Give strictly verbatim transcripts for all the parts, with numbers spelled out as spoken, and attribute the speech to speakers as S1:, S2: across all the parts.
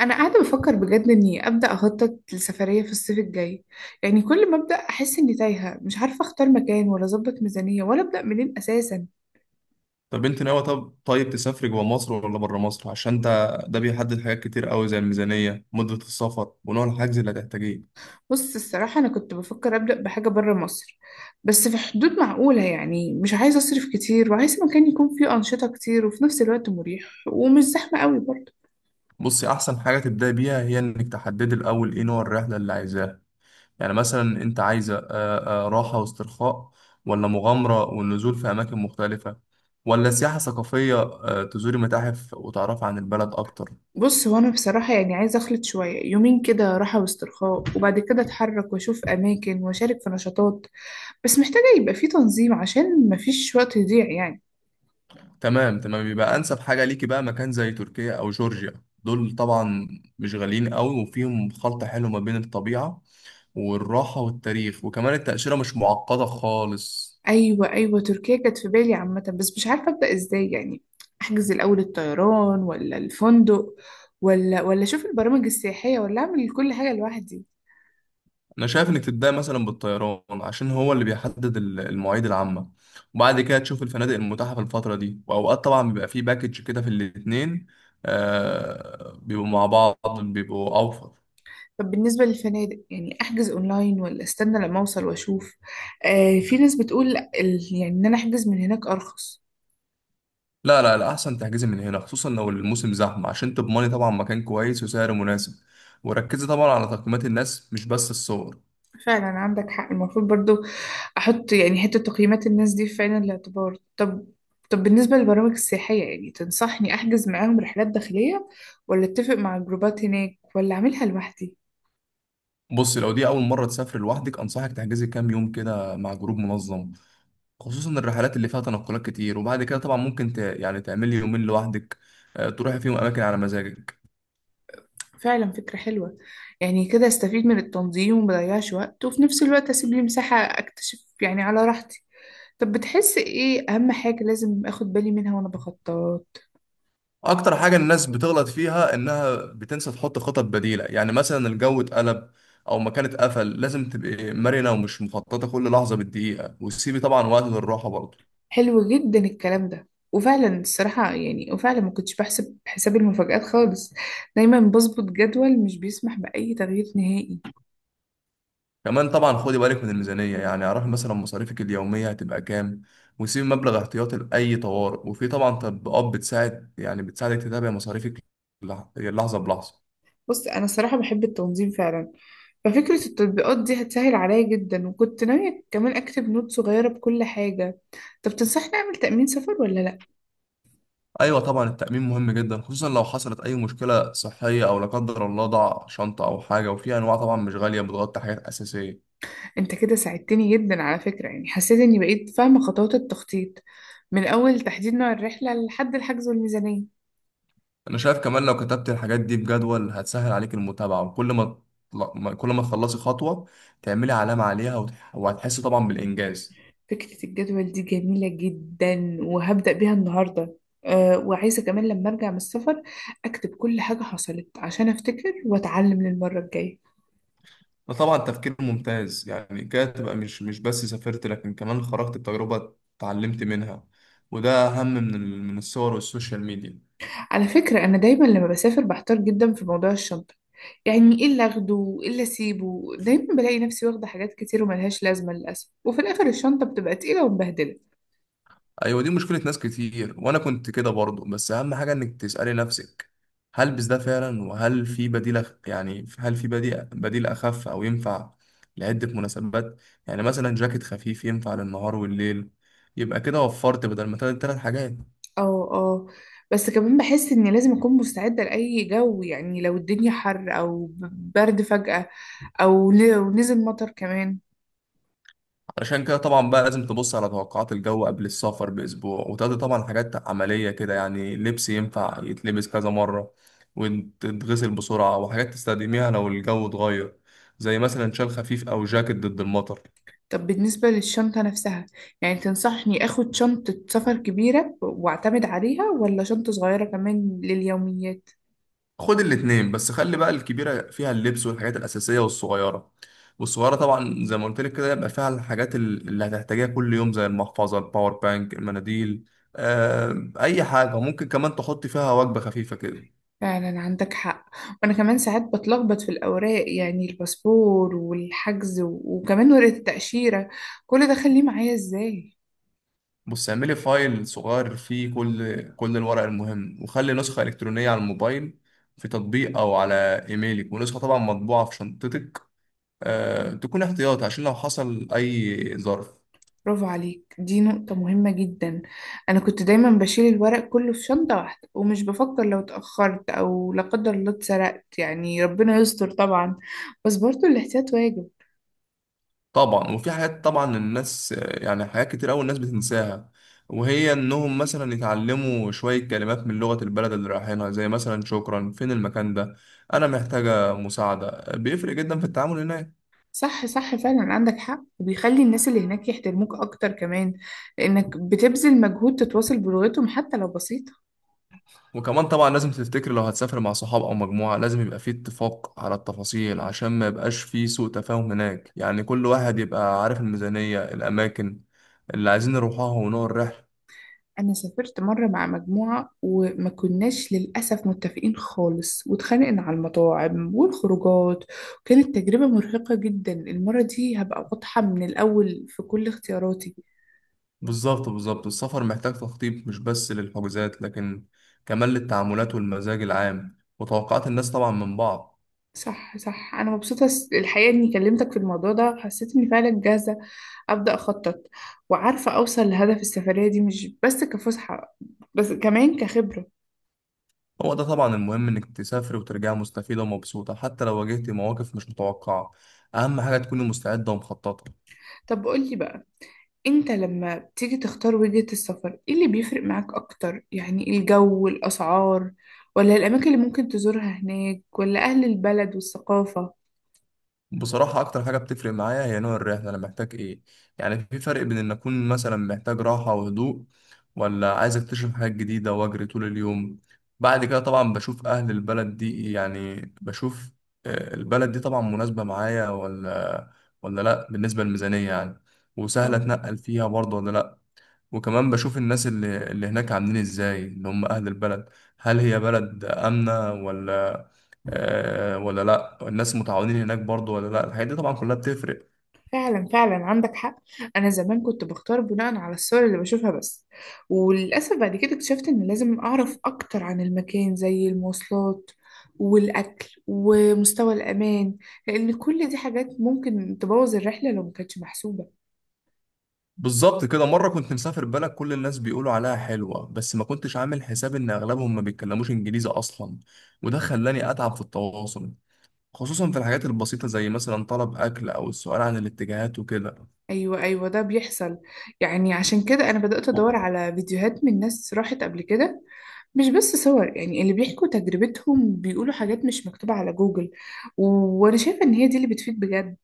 S1: انا قاعده بفكر بجد اني ابدا اخطط لسفريه في الصيف الجاي. يعني كل ما ابدا احس اني تايهه، مش عارفه اختار مكان ولا اظبط ميزانيه ولا ابدا منين اساسا.
S2: طب انت ناوي طب طيب تسافري جوه مصر ولا بره مصر؟ عشان ده ده بيحدد حاجات كتير قوي، زي الميزانية، مدة السفر، ونوع الحجز اللي هتحتاجيه.
S1: بص الصراحه انا كنت بفكر ابدا بحاجه بره مصر، بس في حدود معقوله. يعني مش عايزه اصرف كتير، وعايز مكان يكون فيه انشطه كتير وفي نفس الوقت مريح ومش زحمه قوي برضه.
S2: بصي، احسن حاجة تبدأي بيها هي انك تحددي الاول ايه نوع الرحلة اللي عايزاها. يعني مثلا انت عايزة آه، آه، راحة واسترخاء، ولا مغامرة والنزول في اماكن مختلفة، ولا سياحة ثقافية، آه، تزوري متاحف وتعرفي عن البلد اكتر.
S1: بص هو انا بصراحه يعني عايزه اخلط شويه، يومين كده راحه واسترخاء وبعد كده اتحرك واشوف اماكن واشارك في نشاطات. بس محتاجه يبقى فيه تنظيم عشان مفيش وقت يضيع يعني.
S2: تمام، تمام، يبقى انسب حاجه ليكي بقى مكان زي تركيا او جورجيا. دول طبعا مش غاليين قوي، وفيهم خلط حلو ما بين الطبيعه والراحه والتاريخ، وكمان التاشيره مش معقده خالص.
S1: ايوه ايوه، تركيا كانت في بالي عامه، بس مش عارفه ابدا ازاي. يعني احجز الاول الطيران ولا الفندق، ولا ولا اشوف البرامج السياحيه، ولا اعمل كل حاجه لوحدي.
S2: انا شايف انك تبدأ مثلا بالطيران، عشان هو اللي بيحدد ال- المواعيد العامه، وبعد كده تشوف الفنادق المتاحه في الفتره دي. واوقات طبعا بيبقى فيه باكج كده في الاتنين، آه بيبقوا مع بعض بيبقوا اوفر.
S1: طب بالنسبه للفنادق، يعني احجز اونلاين ولا استنى لما اوصل واشوف؟ آه، في ناس بتقول ال- يعني ان انا احجز من هناك ارخص.
S2: لا، لا، لا، احسن تحجزي من هنا خصوصا لو الموسم زحمه، عشان تضمني طبعا مكان كويس وسعر مناسب. وركزي طبعا على تقييمات الناس مش بس الصور.
S1: فعلا عندك حق، المفروض برضو احط يعني حتة تقييمات الناس دي في عين الاعتبار. طب، طب بالنسبة للبرامج السياحية، يعني تنصحني احجز معاهم رحلات داخلية، ولا اتفق مع الجروبات هناك، ولا اعملها لوحدي؟
S2: بصي، لو دي اول مره تسافر لوحدك انصحك تحجزي كام يوم كده مع جروب منظم، خصوصا الرحلات اللي فيها تنقلات كتير. وبعد كده طبعا ممكن ت... يعني تعملي يومين لوحدك، آه، تروحي فيهم اماكن على مزاجك.
S1: فعلا فكرة حلوة. يعني كده استفيد من التنظيم ومضيعش وقت، وفي نفس الوقت اسيب لي مساحة اكتشف يعني على راحتي. طب بتحس ايه اهم حاجة لازم اخد بالي منها وانا بخطط؟
S2: اكتر حاجة الناس بتغلط فيها انها بتنسى تحط خطط بديلة، يعني مثلا الجو اتقلب او مكان اتقفل. لازم تبقي مرنة ومش مخططة كل لحظة بالدقيقة، وتسيبي طبعا وقت للراحة برضه.
S1: حلو جدا الكلام ده، وفعلا الصراحة يعني وفعلا ما كنتش بحسب حساب المفاجآت خالص. دايما بظبط جدول مش بيسمح بأي تغيير نهائي.
S2: كمان طبعا خدي بالك من الميزانية، يعني اعرفي مثلا مصاريفك اليومية هتبقى كام، وسيبي مبلغ احتياطي لأي طوارئ. وفي طبعا تطبيقات بتساعد، يعني بتساعدك تتابعي مصاريفك لح- لحظة بلحظة.
S1: بص أنا الصراحة بحب التنظيم فعلا، ففكرة التطبيقات دي هتسهل عليا جدا، وكنت ناوية كمان أكتب نوت صغيرة بكل حاجة. طب تنصحني أعمل تأمين سفر ولا لأ؟
S2: ايوه طبعا، التأمين مهم جدا، خصوصا لو حصلت اي مشكلة صحية او لا قدر الله ضاع شنطة او حاجة. وفي انواع طبعا مش غالية بتغطي حاجات اساسية.
S1: أنت كده ساعدتني جدا على فكرة. يعني حسيت إني بقيت فاهمة خطوات التخطيط من أول تحديد نوع الرحلة لحد الحجز والميزانية.
S2: انا شايف كمان لو كتبت الحاجات دي بجدول هتسهل عليك المتابعة، وكل ما تطلع- ما- كل ما تخلصي خطوة تعملي علامة عليها، وتح- وهتحسي طبعا بالانجاز.
S1: فكرة الجدول دي جميلة جدا، وهبدأ بيها النهاردة. أه، وعايزة كمان لما أرجع من السفر أكتب كل حاجة حصلت عشان أفتكر وأتعلم للمرة الجاية.
S2: ده طبعا تفكير ممتاز، يعني كده تبقى مش مش بس سافرت لكن كمان خرجت بتجربة اتعلمت منها. وده اهم من ال- من الصور والسوشيال ميديا.
S1: على فكرة، أنا دايما لما بسافر بحتار جدا في موضوع الشنطة. يعني إيه اللي أخده وإيه اللي أسيبه. دايما بلاقي نفسي واخدة حاجات كتير وملهاش لازمة للأسف، وفي الآخر الشنطة بتبقى تقيلة ومبهدلة.
S2: ايوه دي مشكله ناس كتير، وانا كنت كده برضه. بس اهم حاجه انك تسالي نفسك هل بس ده فعلا، وهل في بديل أخ- يعني هل في بديل بديل اخف او ينفع لعده مناسبات. يعني مثلا جاكيت خفيف ينفع للنهار والليل، يبقى كده وفرت بدل ما تلات تلات حاجات.
S1: اه. اه. بس كمان بحس إني لازم أكون مستعدة لأي جو، يعني لو الدنيا حر أو برد فجأة، أو لو نزل مطر كمان.
S2: عشان كده طبعا بقى لازم تبص على توقعات الجو قبل السفر بأسبوع، وتقضي طبعا حاجات عملية كده، يعني لبس ينفع يتلبس كذا مرة وتتغسل بسرعة، وحاجات تستخدميها لو الجو اتغير، زي مثلا شال خفيف أو جاكيت ضد المطر.
S1: طب بالنسبة للشنطة نفسها، يعني تنصحني أخد شنطة سفر كبيرة وأعتمد عليها، ولا شنطة صغيرة كمان لليوميات؟
S2: خد الاتنين، بس خلي بقى الكبيرة فيها اللبس والحاجات الأساسية، والصغيرة والصغيرة طبعا زي ما قلت لك كده يبقى فيها الحاجات ال- اللي هتحتاجيها كل يوم، زي المحفظة، الباور بانك، المناديل، آه، أي حاجة. ممكن كمان تحطي فيها وجبة خفيفة كده.
S1: فعلا عندك حق. وأنا كمان ساعات بتلخبط في الأوراق، يعني الباسبور والحجز و- وكمان ورقة التأشيرة، كل ده خليه معايا إزاي؟
S2: بص، اعملي فايل صغير فيه كل كل الورق المهم، وخلي نسخة إلكترونية على الموبايل، في تطبيق أو على إيميلك، ونسخة طبعا مطبوعة في شنطتك، أه، تكون احتياطي عشان لو حصل أي ظرف.
S1: برافو عليك، دي نقطة مهمة جدا. أنا كنت دايما بشيل الورق كله في شنطة واحدة، ومش بفكر لو اتأخرت أو لا قدر الله اتسرقت، يعني ربنا يستر طبعا، بس برضه الاحتياط واجب.
S2: طبعا، وفي حاجات طبعا الناس آه، يعني حاجات كتير أوي الناس بتنساها، وهي إنهم مثلا يتعلموا شوية كلمات من لغة البلد اللي رايحينها، زي مثلا شكرا، فين المكان ده، أنا محتاجة مساعدة. بيفرق جدا في التعامل هناك.
S1: صح صح، فعلا عندك حق، وبيخلي الناس اللي هناك يحترموك أكتر كمان، لأنك بتبذل مجهود تتواصل بلغتهم حتى لو بسيطة.
S2: وكمان طبعا لازم تفتكر لو هتسافر مع صحاب او مجموعه لازم يبقى فيه اتفاق على التفاصيل، عشان ما يبقاش فيه سوء تفاهم هناك. يعني كل واحد يبقى عارف الميزانيه، الاماكن اللي عايزين نروحها، ونوع الرحله.
S1: أنا سافرت مرة مع مجموعة وما كناش للأسف متفقين خالص، واتخانقنا على المطاعم والخروجات، وكانت تجربة مرهقة جدا. المرة دي هبقى واضحة من الأول في كل اختياراتي.
S2: بالظبط، بالظبط، السفر محتاج تخطيط، مش بس للحجوزات لكن كمان للتعاملات والمزاج العام وتوقعات الناس طبعا من بعض.
S1: صح صح، أنا مبسوطة الحقيقة إني كلمتك في الموضوع ده. حسيت إني فعلا جاهزة أبدأ أخطط، وعارفة أوصل لهدف السفرية دي مش بس كفسحة، بس كمان كخبرة.
S2: هو ده طبعا المهم، انك تسافر وترجع مستفيده ومبسوطه حتى لو واجهت مواقف مش متوقعه. اهم حاجه تكوني مستعده ومخططه.
S1: طب قولي بقى، أنت لما بتيجي تختار وجهة السفر، إيه اللي بيفرق معاك أكتر؟ يعني الجو، الأسعار، ولا الأماكن اللي ممكن تزورها هناك، ولا أهل البلد والثقافة؟
S2: بصراحة أكتر حاجة بتفرق معايا هي نوع الرحلة أنا محتاج إيه. يعني في فرق بين إن أكون مثلا محتاج راحة وهدوء، ولا عايز أكتشف حاجات جديدة وأجري طول اليوم. بعد كده طبعا بشوف أهل البلد دي، يعني بشوف آه، البلد دي طبعا مناسبة معايا ولا ولا لأ، بالنسبة للميزانية يعني، وسهلة أتنقل فيها برضه ولا لأ. وكمان بشوف الناس اللي, اللي هناك عاملين ازاي، اللي هم اهل البلد، هل هي بلد امنة ولا؟ آه ولا لا الناس متعاونين هناك برضو ولا لا. الحاجات دي طبعا كلها بتفرق.
S1: فعلا فعلا عندك حق. انا زمان كنت بختار بناء على الصور اللي بشوفها بس، وللاسف بعد كده اكتشفت ان لازم اعرف اكتر عن المكان، زي المواصلات والاكل ومستوى الامان، لان كل دي حاجات ممكن تبوظ الرحله لو ما كانتش محسوبه.
S2: بالظبط كده، مرة كنت مسافر بلد كل الناس بيقولوا عليها حلوة، بس ما كنتش عامل حساب ان اغلبهم ما بيتكلموش انجليزي اصلا، وده خلاني اتعب في التواصل، خصوصا في الحاجات البسيطة زي مثلا طلب اكل او السؤال عن الاتجاهات وكده.
S1: ايوه ايوه، ده بيحصل. يعني عشان كده انا بدات ادور على فيديوهات من ناس راحت قبل كده، مش بس صور. يعني اللي بيحكوا تجربتهم بيقولوا حاجات مش مكتوبه على جوجل، و- وانا شايفه ان هي دي اللي بتفيد بجد.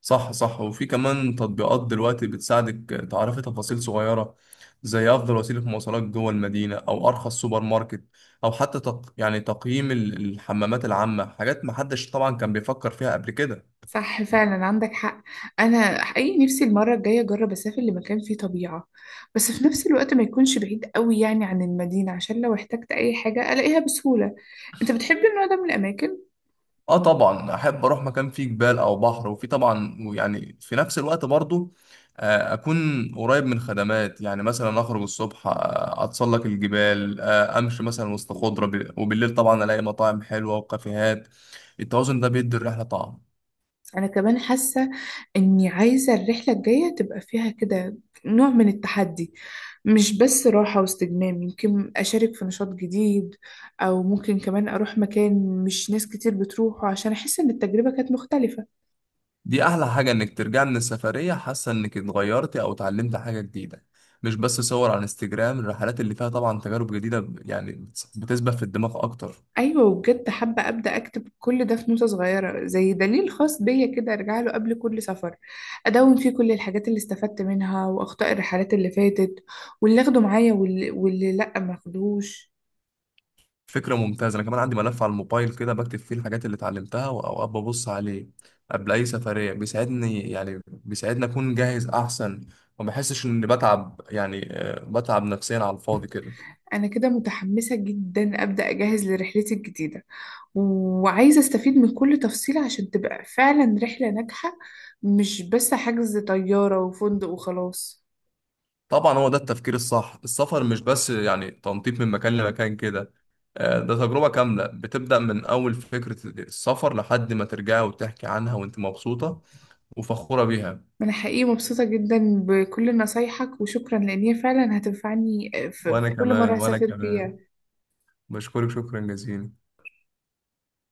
S2: صح، صح، وفي كمان تطبيقات دلوقتي بتساعدك تعرفي تفاصيل صغيرة، زي أفضل وسيلة مواصلات جوه المدينة، أو أرخص سوبر ماركت، أو حتى تق... يعني تقييم ال- الحمامات العامة. حاجات محدش طبعا كان بيفكر فيها قبل كده.
S1: صح، فعلا عندك حق. انا حقيقي نفسي المره الجايه اجرب اسافر لمكان فيه طبيعه، بس في نفس الوقت ما يكونش بعيد قوي يعني عن المدينه، عشان لو احتجت اي حاجه الاقيها بسهوله. انت بتحب النوع ده من الاماكن؟
S2: اه طبعا احب اروح مكان فيه جبال او بحر، وفي طبعا، ويعني في نفس الوقت برضو آه، اكون قريب من خدمات. يعني مثلا اخرج الصبح، آه، اتسلق الجبال، آه، امشي مثلا وسط خضره، ب- وبالليل طبعا الاقي مطاعم حلوه وكافيهات. التوازن ده بيدي الرحله طعم.
S1: انا كمان حاسه اني عايزه الرحله الجايه تبقى فيها كده نوع من التحدي، مش بس راحه واستجمام. يمكن اشارك في نشاط جديد، او ممكن كمان اروح مكان مش ناس كتير بتروحه، عشان احس ان التجربه كانت مختلفه.
S2: دي احلى حاجه، انك ترجع من السفريه حاسه انك اتغيرتي او اتعلمت حاجه جديده، مش بس صور على انستجرام. الرحلات اللي فيها طبعا تجارب جديده يعني بتس- بتسبح في الدماغ اكتر.
S1: ايوه، وبجد حابه ابدا اكتب كل ده في نوتة صغيره زي دليل خاص بيا كده، ارجع له قبل كل سفر. ادون فيه كل الحاجات اللي استفدت منها واخطاء الرحلات اللي فاتت، واللي اخده معايا واللي, واللي لا ما اخدهوش.
S2: فكرة ممتازة، أنا كمان عندي ملف على الموبايل كده بكتب فيه الحاجات اللي اتعلمتها، وأوقات ببص عليه قبل أي سفرية. بيساعدني، يعني بيساعدني أكون جاهز أحسن، وما بحسش إني بتعب، يعني آه، بتعب نفسيا على الفاضي كده.
S1: انا كده متحمسه جدا ابدا اجهز لرحلتي الجديده، وعايزه استفيد من كل تفصيله عشان تبقى فعلا رحله ناجحه، مش بس حجز طياره وفندق وخلاص.
S2: طبعا هو ده التفكير الصح. السفر مش بس يعني تنطيط من مكان لمكان كده، آه، ده تجربة كاملة بتبدأ من أول فكرة السفر لحد ما ترجعي وتحكي عنها وأنت مبسوطة وفخورة بيها.
S1: أنا حقيقي مبسوطة جدا بكل نصايحك، وشكرا، لأن هي فعلا هتنفعني في
S2: وأنا
S1: في كل مرة
S2: كمان وأنا
S1: هسافر
S2: كمان
S1: فيها.
S2: بشكرك شكرا جزيلا.